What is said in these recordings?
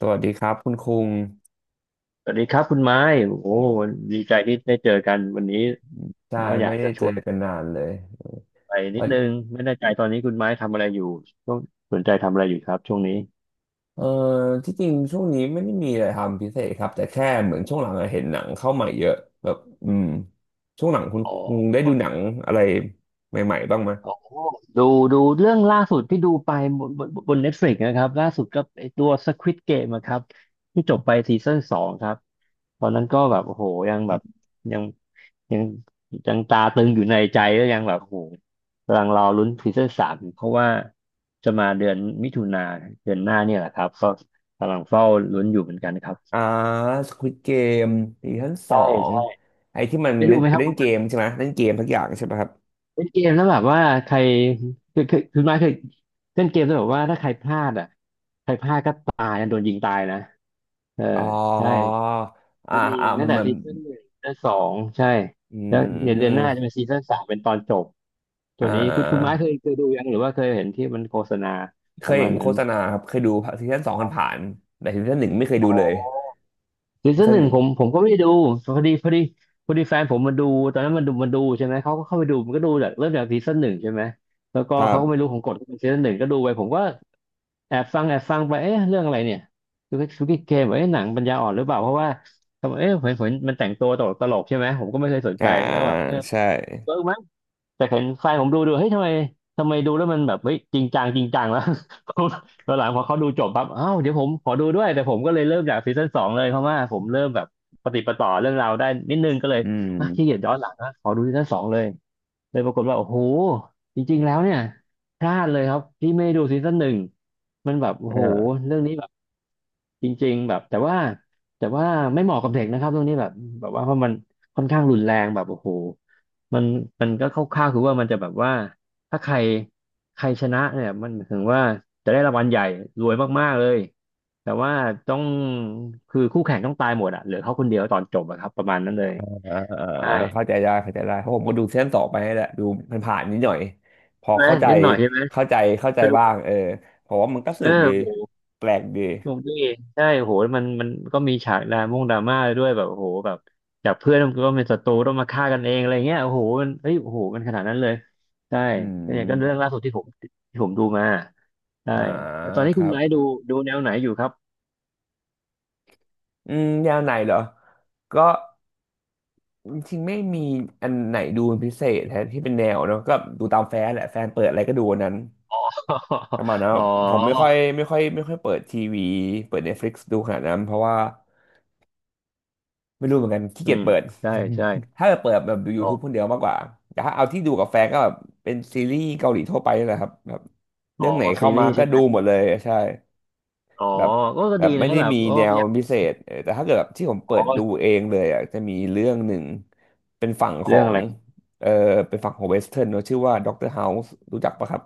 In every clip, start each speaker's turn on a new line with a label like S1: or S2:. S1: สวัสดีครับคุณคุง
S2: สวัสดีครับคุณไม้โอ้โหดีใจที่ได้เจอกันวันนี้
S1: ใช่
S2: ก็อ
S1: ไม่
S2: ยาก
S1: ได้
S2: จะช
S1: เจอ
S2: วน
S1: กันนานเลย
S2: ไปนิดนึ
S1: เออ
S2: งไม่แน่ใจตอนนี้คุณไม้ทำอะไรอยู่ช่วงสนใจทำอะไรอยู่ครับช่วงนี้
S1: เออที่จริงช่วงนี้ไม่ได้มีอะไรทำพิเศษครับแต่แค่เหมือนช่วงหลังอะเห็นหนังเข้ามาเยอะแบบอืมช่วงหลังคุณ
S2: อ๋
S1: คุง
S2: อ
S1: ได้ดูหนังอะไรใหม่ๆบ้างไหม
S2: อ๋อดูเรื่องล่าสุดที่ดูไปบน Netflix นะครับล่าสุดก็ไอตัว Squid Game นะครับที่จบไปซีซั่นสองครับตอนนั้นก็แบบโอ้โหยังแบ
S1: อ
S2: บ
S1: ม
S2: ยังยังยังตาตึงอยู่ในใจก็ยังแบบโอ้โหกำลังรอลุ้นซีซั่นสามเพราะว่าจะมาเดือนมิถุนาเดือนหน้าเนี่ยแหละครับก็กำลังเฝ้าลุ้นอยู่เหมือนกันครับ
S1: อ่าสควิดเกมซีซั่นสอ
S2: ได้
S1: ง
S2: ใด่
S1: ไอ้ที่มัน
S2: ได้ดูไหม
S1: ไป
S2: ครับ
S1: เล่น
S2: คุ
S1: เกม
S2: ณ
S1: ใช่ไหมเล่นเกมทุกอย่างใช่ไหมครับ
S2: เล่นเกมแล้วแบบว่าใครคือมาเคยเล่นเกมแล้วแบบว่าถ้าใครพลาดอ่ะใครพลาดก็ตายนะโดนยิงตายนะเออ
S1: อ๋อ
S2: ใช่
S1: อ่า
S2: มันมี
S1: อ่า
S2: ตั้
S1: มั
S2: ง
S1: นเห
S2: แต่
S1: มือน
S2: ซีซั่นหนึ่งซีซั่นสองใช่
S1: อื
S2: แล้วเดี๋ยวเดือนหน้า
S1: ม
S2: จะเป็นซีซั่นสามเป็นตอนจบตั
S1: อ่
S2: วนี้คุณไม้
S1: า
S2: เคยดูยังหรือว่าเคยเห็นที่มันโฆษณา
S1: เค
S2: ป
S1: ย
S2: ระมา
S1: เห็
S2: ณ
S1: นโฆ
S2: นั้น
S1: ษณาครับเคยดูซีซั่นสองผ่านๆแต่ซีซั่นหนึ่งไม่เคย
S2: อ๋
S1: ดูเล
S2: อ
S1: ย
S2: ซี
S1: ซี
S2: ซั่น
S1: ซั่
S2: ห
S1: น
S2: นึ่
S1: ห
S2: ง
S1: นึ่ง
S2: ผมก็ไม่ได้ดูพอดีพอดีพอดีแฟนผมมันดู ตอนนั้นมันดูใช่ไหมเขาก็เข้าไปดูมันก็ดูจากเริ่มจากซีซั่นหนึ่งใช่ไหม แล้วก็
S1: ครั
S2: เขาก็ไม่
S1: บ
S2: รู้ของกฎซีซั่นหนึ่งก็ดูไป ผมก็แอบฟังไปเอ๊ะเรื่องอะไรเนี่ย ซูกิเกมเอ๊ะหนังปัญญาอ่อนหรือเปล่าเพราะว่าทำไมเอ๊ะเห็นมันแต่งตัวตลกใช่ไหม ผมก็ไม่เคยสน
S1: อ่า
S2: ใจแล้วก็แบบเออ
S1: ใช่
S2: เวิร์กไหม แต่เห็นแฟนผมดูเฮ้ยทำไมดูแล้วมันแบบเฮ้ยจริงจัง แล้ว ผมตอนหลังพอเขาดูจบปั๊บอ้าวเดี๋ยวผมขอดูด้วยแต่ผมก็เลยเริ่มจากซีซั่นสองเลยเพราะว่าผมเริ่มแบบปฏิดปะต่อเรื่องราวได้นิดนึงก็เลย
S1: อืม
S2: อ่ะขี้เกียจย้อนหลังนะขอดูซีซั่นสองเลยเลยปรากฏว่าโอ้โหจริงๆแล้วเนี่ยพลาดเลยครับที่ไม่ดดูซีซั่นหนึ่งมันแบบโอ้โห
S1: อ่า
S2: เรื่องนี้ จริงๆแบบแต่ว่าไม่เหมาะกับเด็กนะครับตรงนี้แบบแบบว่าเพราะมันค่อนข้างรุนแรงแบบโอ้โหมันมันก็คร่าวๆคือว่ามันจะแบบว่าถ้าใครใครชนะเนี่ยมันหมายถึงว่าจะได้รางวัลใหญ่รวยมากๆเลยแต่ว่าต้องคือคู่แข่งต้องตายหมดอะเหลือเขาคนเดียวตอนจบอะครับประมาณนั้นเลย
S1: อ่าอ่า
S2: ใช่
S1: อ่าเข้าใจได้เข้าใจได้เพราะผมก็ดูซีซั่นสองไปนี่แหละดูมันผ่านๆนิดหน่อยพอ
S2: ใช่ไหม
S1: เข้าใจ
S2: นิดหน่อยใช่ไหม
S1: เข้าใจ
S2: ก็ดู
S1: บ้างเออเพราะว่ามันก็ส
S2: เออ
S1: นุกดี
S2: โห
S1: แปลกดี
S2: พวกนี้ใช่โหมันก็มีฉากดราม่งดราม่าด้วยแบบโอ้โหแบบจากเพื่อนก็เป็นศัตรูต้องมาฆ่ากันเองอะไรเงี้ยโอ้โหมันเฮ้ยโอ้โหมันขนาดนั้นเลยใช่
S1: อื
S2: ก็เนี่ยก็เรื่อง
S1: ม
S2: ล่าสุดที่ผมดูมาใช่
S1: อ่า
S2: แล้วตอนนี้
S1: ค
S2: คุ
S1: รั
S2: ณ
S1: บ
S2: ไม้ดูดูแนวไหนอยู่ครับ
S1: อืมแนวไหนเหรอก็จริงๆไม่มีอันไหนดูเป็นพิเศษแทที่เป็นแนวเนอะก็ดูตามแฟนแหละแฟนเปิดอะไรก็ดูอันนั้น ประมาณนัน
S2: อ๋อ
S1: อะผมไม่ค่อยเปิดทีวีเปิด Netflix ดูขนาดนั้นเพราะว่าไม่รู้เหมือนกันขี้
S2: อื
S1: เกียจ
S2: ม
S1: เปิด
S2: ใช่ใช่
S1: ถ้าจะเปิดแบบดู
S2: อ๋
S1: YouTube ค
S2: อ
S1: นเดียวมากกว่าแต่ถ้าเอาที่ดูกับแฟนก็แบบเป็นซีรีส์เกาหลีทั่วไปนี่แหละครับแบบ
S2: อ๋
S1: เรื่
S2: อ
S1: องไหน
S2: ซี
S1: เข้า
S2: รี
S1: มา
S2: ส์
S1: ก็
S2: ใช่ไหม
S1: ดูหมดเลยใช่
S2: อ๋อ
S1: แบบ
S2: ก็
S1: แบ
S2: ดี
S1: บไม่
S2: นะ
S1: ได้
S2: แบบ
S1: มี
S2: โอ้
S1: แนว
S2: ยัง
S1: พิเศษเออแต่ถ้าเกิดแบบที่ผมเปิ
S2: อ๋
S1: ดดู
S2: อ
S1: เองเลยอ่ะจะมีเรื่องหนึ่งเป็นฝั่งขอ
S2: เรื่อง
S1: ง
S2: อะไรครับ
S1: เออเป็นฝั่งของเวสเทิร์นเนอะชื่อว่าด็อกเตอร์เฮาส์รู้จักปะครับ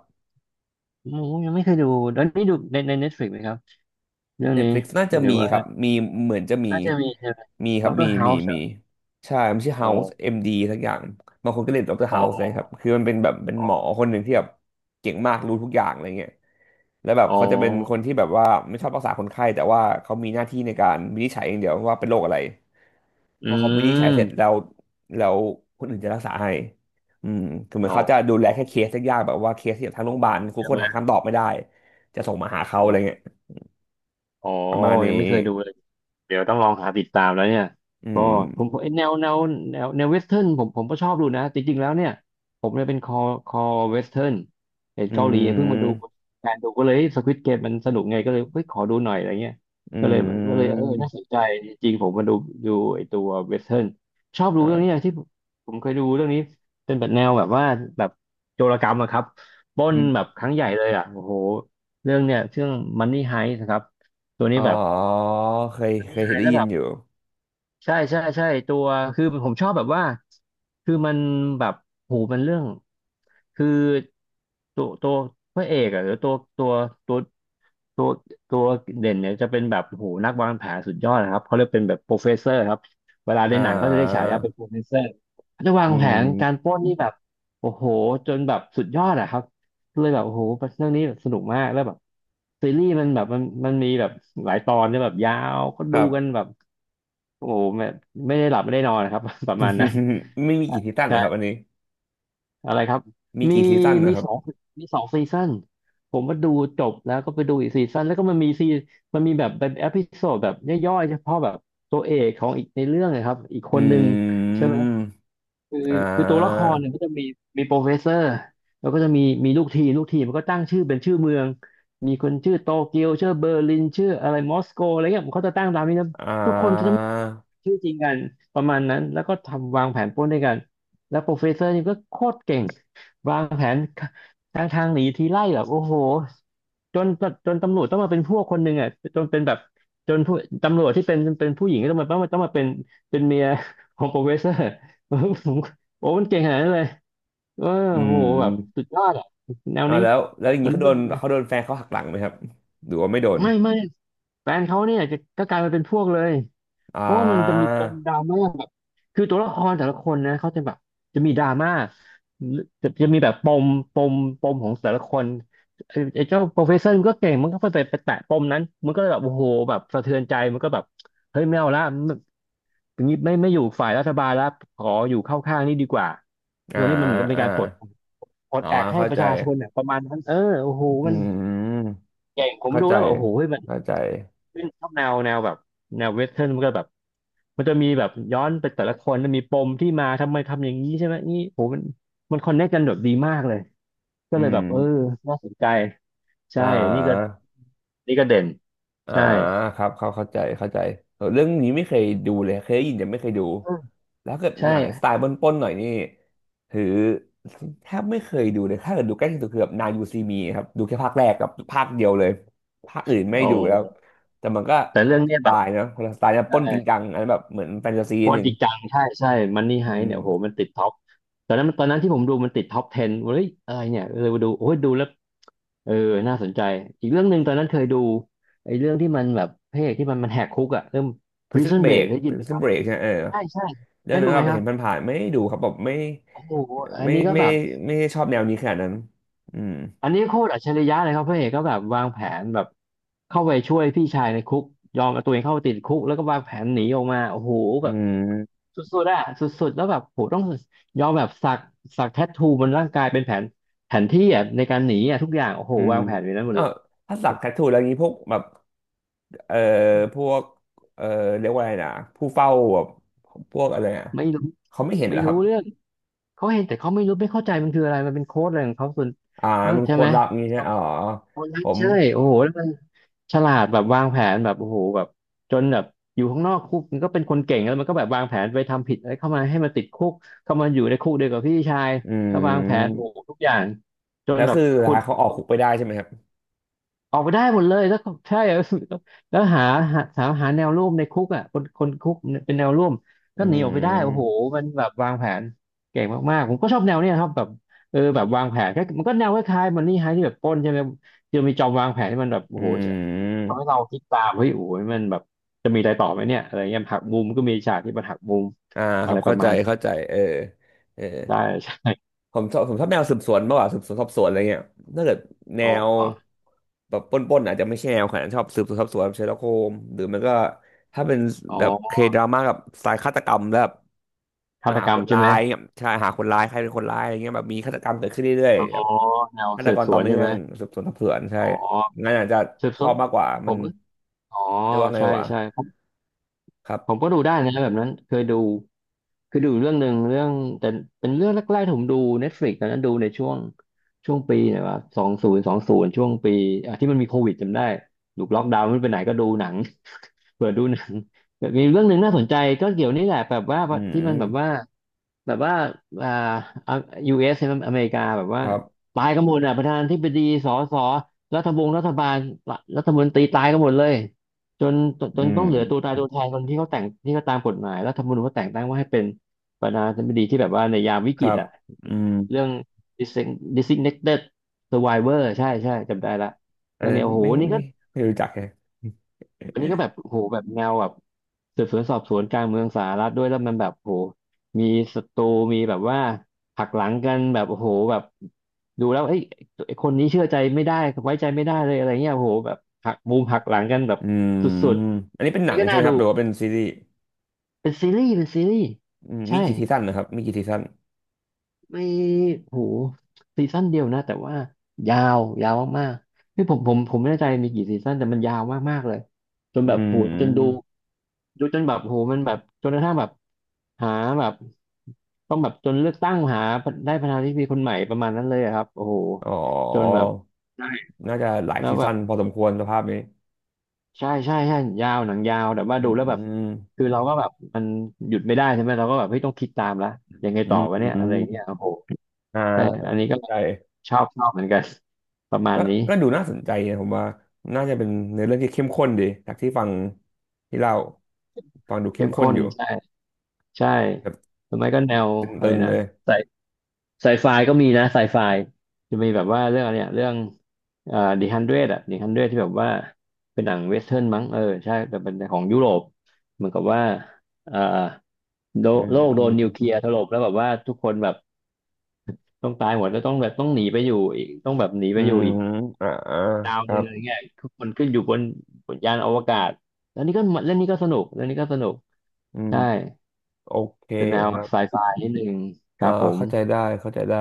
S2: อืมยังไม่เคยดูตอนนี้ดูใน Netflix ไหมครับเรื่องนี้
S1: Netflix น่าจะ
S2: หรือ
S1: มี
S2: ว่า
S1: ครับมีเหมือนจะมี
S2: น่าจะมีใช่ไหม
S1: มีค
S2: ด
S1: รั
S2: อ
S1: บ
S2: กเตอ
S1: มี
S2: รเฮา
S1: มี
S2: ส์
S1: มีใช่มันชื่อ
S2: อ๋อ
S1: House MD ทักอย่างบางคนก็เรียกด็อกเตอร์
S2: อ๋
S1: House นะค
S2: อ
S1: รับคือมันเป็นแบบเป็นหมอคนหนึ่งที่แบบเก่งมากรู้ทุกอย่างอะไรเงี้ยแล้วแบบ
S2: อ๋อ
S1: เขาจะเป็นคนที่แบบว่าไม่ชอบรักษาคนไข้แต่ว่าเขามีหน้าที่ในการวินิจฉัยอย่างเดียวว่าเป็นโรคอะไรพ
S2: อื
S1: อเขาวินิจฉัยเสร็จ
S2: ม
S1: แล้วแล้วคนอื่นจะรักษาให้อืมคือเหมือ
S2: อ๋
S1: น
S2: อ
S1: เขาจะดูแลแค่เคสยากๆแบบว่าเคสที่แบบทางโรงพยาบาลคุณ
S2: ใช่
S1: คน
S2: ไหม
S1: หาคำตอบไม่ได้จะส่งมาหาเขา
S2: อ๋
S1: อะไร
S2: อ
S1: เงี้ย
S2: อ๋อ
S1: ประมาณ
S2: ยัง
S1: นี้
S2: ไม่เคยดูเลย เดี๋ยวต้องลองหาติดตามแล้วเนี่ย
S1: อื
S2: ก็
S1: ม
S2: ผมเอ้ยแนวเวสเทิร์นผมก็ชอบดูนะจริงๆแล้วเนี่ยผมเนี่ยเป็นคอเวสเทิร์นเห็น
S1: อื
S2: เกาหลีเพิ่งมาดู
S1: ม
S2: แฟนดูก็เลยสควิดเกมมันสนุกไงก็เลยเฮ้ยขอดูหน่อยอะไรเงี้ย
S1: อื
S2: ก็เลยก็เลยเออน่าสน
S1: ม
S2: ใจจริงๆผมมาดูดูไอตัวเวสเทิร์นชอบดู
S1: ครั
S2: เรื่องนี้นะ
S1: บ
S2: ที่ผมผมเคยดูเรื่องนี้เป็นแบบแนวแบบว่าแบบโจรกรรมอะครับปล้นแบ
S1: อืม
S2: บครั้งใหญ่เลยอะโอ้โหเรื่องเนี่ยเรื่อง Money Heist นะครับตัว
S1: อ๋
S2: นี้
S1: อ
S2: แบบ
S1: เคยเค
S2: Money
S1: ย
S2: Heist
S1: ได้
S2: แล้ว
S1: ยิ
S2: แบ
S1: น
S2: บ
S1: อยู่
S2: ใช่ตัวคือผมชอบแบบว่าคือมันแบบโหูมันเรื่องคือตัวตัวพระเอกอะหรือตัวตัวตัวเด่นเนี่ยจะเป็นแบบโหูนักวางแผนสุดยอดนะครับเขาเรียกเป็นแบบโปรเฟสเซอร์ครับเวลาใน
S1: อ่
S2: หนังเขาจะเรียกฉา
S1: า
S2: ยาเป็นโปรเฟสเซอร์เขาจะวาง
S1: อื
S2: แผนการ
S1: ม
S2: ปล้นนี่แบบโอ้โหจนแบบสุดยอดอะครับ เลยแบบโอ้โหเรื่องนี้แบบสนุกมากแล้วแบบซีรีส์มันแบบมันมีแบบหลายตอนเนี่ยแบบยาว ก็
S1: ค
S2: ดู
S1: รั
S2: กัน
S1: บ
S2: แบบโอ้โหแบบไม่ได้หลับไม่ได้นอนนะครับ ประมาณนั้น
S1: ไม่มีกี่ซีซั่นนะครับอัน
S2: ใช่
S1: นี้
S2: อะไรครับ
S1: มี
S2: มี
S1: กี่ซีซั่น
S2: มี
S1: นะครับ
S2: สองมีสองซีซันผมมาดูจบแล้วก็ไปดูอีกซีซันแล้วก็มันมีซีมันมีแบบเป็นเอพิโซดแบบย่อยๆเฉพาะแบบตัวเอกของอีกในเรื่องนะครับอีกค
S1: อื
S2: นหนึ่งใช่ไหม
S1: ม
S2: คือ
S1: อ่
S2: คือตัวละค
S1: า
S2: รเนี่ยก็จะมีโปรเฟสเซอร์แล้วก็จะมีลูกทีมลูกทีมมันก็ตั้งชื่อเป็นชื่อเมืองมีคนชื่อโตเกียวชื่อเบอร์ลินชื่ออะไรมอสโกอะไรเงี้ยมเขาจะตั้งตามนี้นะ
S1: อ่
S2: ทุกคนจะ
S1: า
S2: ไม่ชื่อจริงกันประมาณนั้นแล้วก็ทำวางแผนปล้นด้วยกัน แล้วโปรเฟสเซอร์นี่ก็โคตรเก่งวางแผนทางทางหนีทีไล่แบบโอ้โหจนจนตำรวจต้องมาเป็นพวกคนหนึ่งอ่ะจนเป็นแบบจนผู้ตำรวจที่เป็นผู้หญิงก็ต้องมาเป็นเมีย ของโปรเฟสเซอร์ผมโอ้มันเก่งขนาดนั้นเลยเออ
S1: อื
S2: โหแบบ
S1: ม
S2: สุดยอดอ่ะแนว
S1: อ่า
S2: นี้
S1: แล้วแล้วอย่าง
S2: แนว
S1: นี้
S2: นี้
S1: เขาโดนเขาโดนแฟนเขาหักหลังไหมครับหรือว่าไม่โดน
S2: ไม่แฟนเขาเนี่ยจะก็กลายมาเป็นพวกเลย
S1: อ่
S2: เพราะว่ามันจะมี
S1: า
S2: ปมดราม่าแบบคือตัวละครแต่ละคนนะเขาจะแบบจะมีดราม่าจะมีแบบปมปมปมของแต่ละคนไอ้เจ้าโปรเฟสเซอร์มันก็เก่งมันก็ไปแตะปมนั้นมันก็เลยแบบโอ้โหแบบสะเทือนใจมันก็แบบเฮ้ยไม่เอาละมันอย่างนี้ไม่อยู่ฝ่ายรัฐบาลแล้วขออยู่เข้าข้างนี่ดีกว่าต
S1: อ่า
S2: รงนี้มันเหมือนกับเป็น
S1: อ่า
S2: การปลด
S1: อ๋อ
S2: แอกให้
S1: เข้า
S2: ป
S1: ใจ
S2: ระชาชนเนี่ยประมาณนั้นเออโอ้โห
S1: อื
S2: มัน
S1: ม
S2: เก่งผม
S1: เข้า
S2: ดู
S1: ใจ
S2: แล้วแบบโอ้โหมัน
S1: เข้าใจ
S2: ซึ่งชอบแนวแบบแนวเวสเทิร์นมันก็แบบมันจะมีแบบย้อนไปแต่ละคนมันมีปมที่มาทำไมทำอย่างนี้ใช่ไหมนี่โหมันมันคอนเนคกันแบบดีมากเลยก็
S1: อื
S2: เลย
S1: ม
S2: แบบเออน่าสนใจใช่
S1: อ่
S2: นี่ก็
S1: า
S2: นี่ก็เด่น
S1: อ่า
S2: ใช่
S1: ครับเขาเข้าใจเออเรื่องนี้ไม่เคยดูเลยเคยได้ยินแต่ไม่เคยดู
S2: เออ
S1: แล้วเกิด
S2: ใช่
S1: หนังสไตล์ปล้นๆหน่อยนี่ถือแทบไม่เคยดูเลยถ้าเกิดดูใกล้ที่สุดคือแบบนายยูซีมีครับดูแค่ภาคแรกกับภาคเดียวเลยภาคอื่นไม่
S2: โอ
S1: ดูแล้ว
S2: ้
S1: แต่มันก็
S2: แต่
S1: คน
S2: เรื่อง
S1: ละส
S2: เนี้ย
S1: ไต
S2: แบบ
S1: ล์นะคนละสไตล์นะปล้นจริง
S2: ใช่
S1: จังอันนั้นแบบเหมือนแฟนตาซี
S2: โค
S1: นิด
S2: ตร
S1: นึง
S2: จริงจังใช่ใช่มันนี่
S1: อื
S2: ไฮ
S1: ม
S2: เนี่ยโหมันติดท็อปตอนนั้นตอนนั้นที่ผมดูมันติดท็อป10เฮ้ยอะไรเนี่ยเลยมาดูโอ้ยดูแล้วเออน่าสนใจอีกเรื่องหนึ่งตอนนั้นเคยดูไอ้เรื่องที่มันแบบพระเอกที่มันแหกคุกอะเรื่อง
S1: Prison
S2: Prison Break
S1: Break
S2: ได้ยินไหมค
S1: Prison
S2: รับ
S1: Break ใช่ไหมเออ
S2: ใช่ใช่
S1: เรื่อ
S2: ได้
S1: ง
S2: ดู
S1: นั้น
S2: ไหม
S1: เรา
S2: ครับ
S1: เห็นผ่านๆไม่ได้ดูครับแบบไม่
S2: โอ้โหอัน
S1: ไม่
S2: นี้ก็
S1: ไม่
S2: แบบ
S1: ไม่ได้ชอบแนวนี้ขนาดนั้นอืม
S2: อันนี้โคตรอัจฉริยะเลยครับพระเอกก็แบบวางแผนแบบเข้าไปช่วยพี่ชายในคุกยอมเอาตัวเองเข้าไปติดคุกแล้วก็วางแผนหนีออกมาโอ้โห
S1: อื
S2: แบบ
S1: ม
S2: สุดๆอะสุดๆแล้วแบบโหต้องยอมแบบสักแทททูบนร่างกายเป็นแผนแผนที่อะในการหนีอะทุกอย่างโอ้โห
S1: อืม
S2: วางแผนไว้นั้นหม
S1: เอ
S2: ด
S1: อ
S2: เลย
S1: ถ้าสักแทททูแล้วนี้พวกแบบเอ่อพวกเอ่อเรียกว่าอะไรนะผู้เฝ้าแบบพวกอะไรอ่ะ
S2: ไม่รู้
S1: เขาไม่เห็นเห
S2: ไม่
S1: รอค
S2: รู้
S1: รับ
S2: เรื่องเขาเห็นแต่เขาไม่รู้ไม่เข้าใจมันคืออะไรมันเป็นโค้ดอะไรของเขาส่วน
S1: อ่า
S2: นั่น
S1: มัน
S2: ใช่
S1: ค
S2: ไห
S1: ว
S2: ม
S1: รรับงี้นะอ๋อ
S2: โอ้ย
S1: ผม
S2: ใช่โอ้โหแล้วมันฉลาดแบบวางแผนแบบโอ้โหแบบจนแบบอยู่ข้างนอกคุกมันก็เป็นคนเก่งแล้วมันก็แบบวางแผนไปทำผิดอะไรเข้ามาให้มันติดคุกเข้ามาอยู่ในคุกเดียวกับพี่ชาย
S1: อื
S2: แล้ววางแผนโอ้
S1: ม
S2: โหทุกอย่างจ
S1: แล้
S2: น
S1: ว
S2: แบบ
S1: คือสุด
S2: ขุ
S1: ท้า
S2: ด
S1: ยเขาออกคุกไปได้ใช่ไหมครับ
S2: ออกไปได้หมดเลย แล้วก็ใช่ แล้วหาแนวร่วมในคุกอ่ะคนคนคุกเนี่ยเป็นแนวร่วม
S1: อื
S2: ก็หนีออกไปได้โอ้โห
S1: ม
S2: มันแบบวางแผนเก่งมากๆผมก็ชอบแนวเนี้ยครับแบบเออแบบวางแผนก็มันก็แนวคล้ายๆมันนี่ไฮที่แบบปล้นใช่ไหมจะมีจอมวางแผนที่มันแบบ
S1: อื
S2: โอ้โหทำให้เรา
S1: ม
S2: คิดตามเฮ้ยโอ้โหมันแบบจะมีอะไรต่อไหมเนี่ยอะไรเงี้ยหักมุมก็มีฉากที่มันหักมุม
S1: อ่าค
S2: อะ
S1: รั
S2: ไร
S1: บ
S2: ป
S1: เข้า
S2: ระ
S1: ใจ
S2: มาณ
S1: เข้าใจเออ
S2: ใช่ ใช่
S1: ผมชอบผมชอบแนวสืบสวนมากกว่าสืบสวนสอบสวนอะไรเงี้ยถ้าเกิดแน
S2: อ๋
S1: ว
S2: อ
S1: แบบปล้นๆอาจจะไม่ใช่แนวขนาดนั้นชอบสืบสวนสอบสวนเชอร์ล็อกโฮมหรือมันก็ถ้าเป็น
S2: อ๋อ
S1: แบบเคดราม่ากับสายฆาตกรรมแล้วแบบ
S2: ฆา
S1: มา
S2: ต
S1: หา
S2: กร
S1: ค
S2: รม
S1: น
S2: ใช่
S1: ร้า
S2: ไหม
S1: ยเนี่ยใช่หาคนร้ายใครเป็นคนร้ายอะไรเงี้ยแบบมีฆาตกรรมเกิดขึ้นเรื่อย
S2: อ๋อ
S1: ๆแบบ
S2: แนว
S1: ฆาต
S2: สื
S1: ก
S2: บ
S1: ร
S2: ส
S1: ต่อ
S2: วน
S1: เนื่
S2: ใช่
S1: อ
S2: ไหม
S1: งสืบสวนสอบสวนใช่
S2: อ๋อ
S1: งั้นอาจจะ
S2: สืบ
S1: ช
S2: ส
S1: อ
S2: วน
S1: บมากกว่า
S2: ผ
S1: มัน
S2: มอ๋อ
S1: เรียกว่าไง
S2: ใช่
S1: วะ
S2: ใช่ผม
S1: ครั
S2: ผมก็
S1: บ
S2: ดูได้นะแบบนั้นเคยดูคือดูเรื่องหนึ่งเรื่องแต่เป็นเรื่องแรกๆที่ผมดู Netflix ตอนนั้นดูในช่วงปีไหนวะ2020ช่วงปีอ่ะที่มันมีโควิดจำได้ถูกล็อกดาวน์ไม่ไปไหนก็ดูหนัง เปิดดูหนังแบบมีเรื่องหนึ่งน่าสนใจก็เกี่ยวนี่แหละแบบว่า
S1: อื
S2: ที่มันแบบว่า
S1: ม
S2: แบบว่าอ่าอ่ะ US ใช่ไหมอเมริกาแบบ
S1: ค
S2: ว่า
S1: รับ
S2: ตายกันหมดอ่ะประธานาธิบดีสสรัฐบงรัฐบาลรัฐมนตรีตายกันหมดเลย จนจนจ
S1: อื
S2: นต้องเหลือตัว
S1: ม
S2: ตายตัวแทนคนที่เขาแต่งที่เขาตามกฎหมายรัฐธรรมนูญเขาแต่งตั้งว่าให้เป็นประธานาธิบดีที่แบบว่าในยามวิ
S1: ค
S2: กฤ
S1: รั
S2: ต
S1: บ
S2: อะ
S1: อืม
S2: เรื่อง designated survivor ใช่ใช่จำได้ละ
S1: อั
S2: เรื่
S1: น
S2: อง
S1: นั้
S2: เนี้
S1: น
S2: ยโอ้โห
S1: ไม่
S2: นี่ก็
S1: ไม่ไม่รู้จักแฮะ
S2: อันนี้ก็แบบโอ้โหแบบแนวแบบสืบสวนสอบสวนกลางเมืองสหรัฐด้วยแล้วมันแบบโอ้โหมีศัตรูมีแบบว่าหักหลังกันแบบโอ้โหแบบดูแล้วเอ้ยไอ้คนนี้เชื่อใจไม่ได้ไว้ใจไม่ได้เลยอะไรเงี้ยโอ้โหแบบหักมุมหักหลังกันแบบ
S1: อืม
S2: สุด
S1: อันนี้เป็น
S2: ๆ
S1: หนั
S2: นี่
S1: ง
S2: ก็
S1: ใช่
S2: น่า
S1: ไหมค
S2: ดู
S1: รับหรือว่าเป็นซีรีส์
S2: เป็นซีรีส์เป็นซีรีส์
S1: อืมมี
S2: ใช่
S1: กี่ซีซั่นนะครับมีกี่ซีซั่น
S2: ไม่โหซีซั่นเดียวนะแต่ว่ายาวยาวมากๆนี่ผมไม่แน่ใจมีกี่ซีซั่นแต่มันยาวมากๆเลยจน
S1: อื
S2: แบบโหจนดู
S1: ม
S2: ดูจนแบบโหมันแบบจนกระทั่งแบบหาแบบต้องแบบจนเลือกตั้งหาได้ประธานาธิบดีคนใหม่ประมาณนั้นเลยอะครับโอ้โห
S1: อ๋อ
S2: จนแบบ
S1: น่าจะหลาย
S2: แล้ว
S1: ซี
S2: แบ
S1: ซั่
S2: บ
S1: นพอสมควรสภาพนี้
S2: ใช่ใช่ใช่ยาวหนังยาวแต่ว่า
S1: อื
S2: ดูแล้วแบบ
S1: ม
S2: คือ
S1: อ
S2: เราก็แบบมันหยุดไม่ได้ใช่ไหมเราก็แบบเฮ้ยต้องคิดตามละยังไง
S1: ื
S2: ต่อ
S1: ม
S2: วะ
S1: อื
S2: เนี่ยอะไรอย่างเงี้
S1: ม
S2: ยโอ้โห
S1: อ่า
S2: ใช่อันนี้ก็
S1: เข้าใจ
S2: ชอบชอบเหมือนกัน ประมา
S1: ก็
S2: ณนี้
S1: ก็ดูน่าสนใจนะผมว่า น่าจะเป็นในอเรื่องที่เข้มข้นดีจากที่ฟังที่เล่าฟังดูเข้
S2: เข้
S1: ม
S2: ม
S1: ข้น
S2: ข้น
S1: อยู่
S2: ใช่ใช่
S1: แบบ
S2: หรือไม่ก็แนว
S1: ต
S2: อะไร
S1: ึงๆ
S2: นะ
S1: เลย
S2: ไซไฟก็มีนะไซไฟจะมีแบบว่าเรื่องอะไรเนี่ยเรื่องดีฮันเดรดอะดีฮันเดรดที่แบบว่าเป็นหนังเวสเทิร์นมั้งเออใช่แต่เป็นของยุโรปเหมือนกับว่าเอ่อโด
S1: อืม
S2: โลกโด
S1: อื
S2: นนิว
S1: ม
S2: เคลียร์ถล่มแล้วแบบว่าทุกคนแบบต้องตายหมดแล้วต้องแบบต้องหนีไปอยู่อีกต้องแบบหนี
S1: อื
S2: ไปอยู่
S1: ม
S2: อีก
S1: อ่าอ่า
S2: ดาว
S1: ค
S2: ห
S1: รั
S2: นึ่ง
S1: บ
S2: อะไรเงี้ยทุกคนขึ้นอยู่บนบนยานอวกาศแล้วนี่ก็เรื่องนี้ก็สนุกเรื่องนี้ก็สนุก
S1: อืม
S2: ใช่
S1: โอเค
S2: เป็นแนว
S1: ครับ
S2: ไซไฟนิดนึงค
S1: อ่า
S2: รับผม
S1: เข้าใจได้เข้าใจได้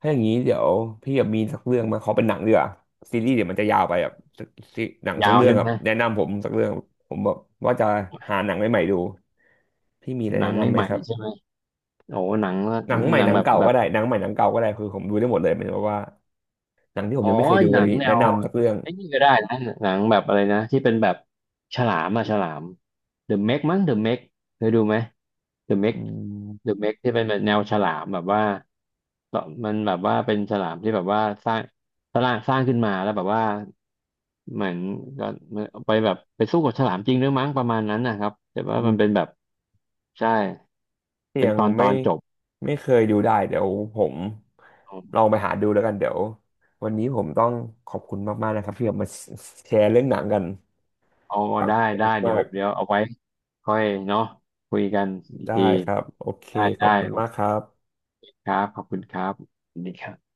S1: ถ้าอย่างนี้เดี๋ยวพี่แบบมีสักเรื่องมาขอเป็นหนังดีกว่าซีรีส์เดี๋ยวมันจะยาวไปแบบสักซีหนังสั
S2: ยา
S1: ก
S2: ว
S1: เรื่อง
S2: ใช่
S1: ครั
S2: ไห
S1: บ
S2: ม
S1: แนะนำผมสักเรื่องผมแบบว่าจะหาหนังใหม่ๆดูพี่มีอะไร
S2: หนั
S1: แนะ
S2: ง
S1: นำ
S2: นี่
S1: ไหม
S2: ใหม่
S1: ครับ
S2: ใช่ไหม โอ้หนังละหนังแบบแบบ
S1: หนังใหม่หนังเก่าก็ได้คือผมดูได้หมดเลยหมายถึงว่าหนังที่ผม
S2: อ๋อ
S1: ยังไม่เคยดู
S2: ห
S1: อะ
S2: นั
S1: ไรอ
S2: ง
S1: ย่างงี้
S2: แน
S1: แนะ
S2: ว
S1: นำสักเรื่อง
S2: ไอ้นี่ก็ได้นะหนังแบบอะไรนะที่เป็นแบบฉลามอะฉลาม The Meg มั้ง The Meg เคยดูไหม The
S1: อื
S2: Meg The
S1: ม
S2: Meg ที่เป็นแบบแนวฉลามแบบว่าต่อมันแบบว่าเป็นฉลามที่แบบว่าสร้างสร้างขึ้นมาแล้วแบบว่าเหมือนก็ไปแบบไปสู้กับฉลามจริงด้ือมั้งประมาณนั้นนะครับแต่ว่ามันเป็นแบบใช่
S1: ที่
S2: เป็น
S1: ยัง
S2: ตอนต
S1: ไม่
S2: อนจบ
S1: ไม่เคยดูได้เดี๋ยวผมลองไปหาดูแล้วกันเดี๋ยววันนี้ผมต้องขอบคุณมากๆนะครับที่แบบมาแชร์เรื่องหนังกัน
S2: เอา
S1: ฟัง
S2: ได้
S1: เพลิ
S2: ได้
S1: น
S2: เดี๋
S1: มา
S2: ยว
S1: ก
S2: เดี๋ยวเอาไว้ค่อยเนาะคุยกันอีก
S1: ได้
S2: ที
S1: ครับโอเค
S2: ได้
S1: ขอ
S2: ได้
S1: บคุณ
S2: โอ
S1: มากค
S2: เค
S1: รับ
S2: ครับขอบคุณครับสวัสดีครับ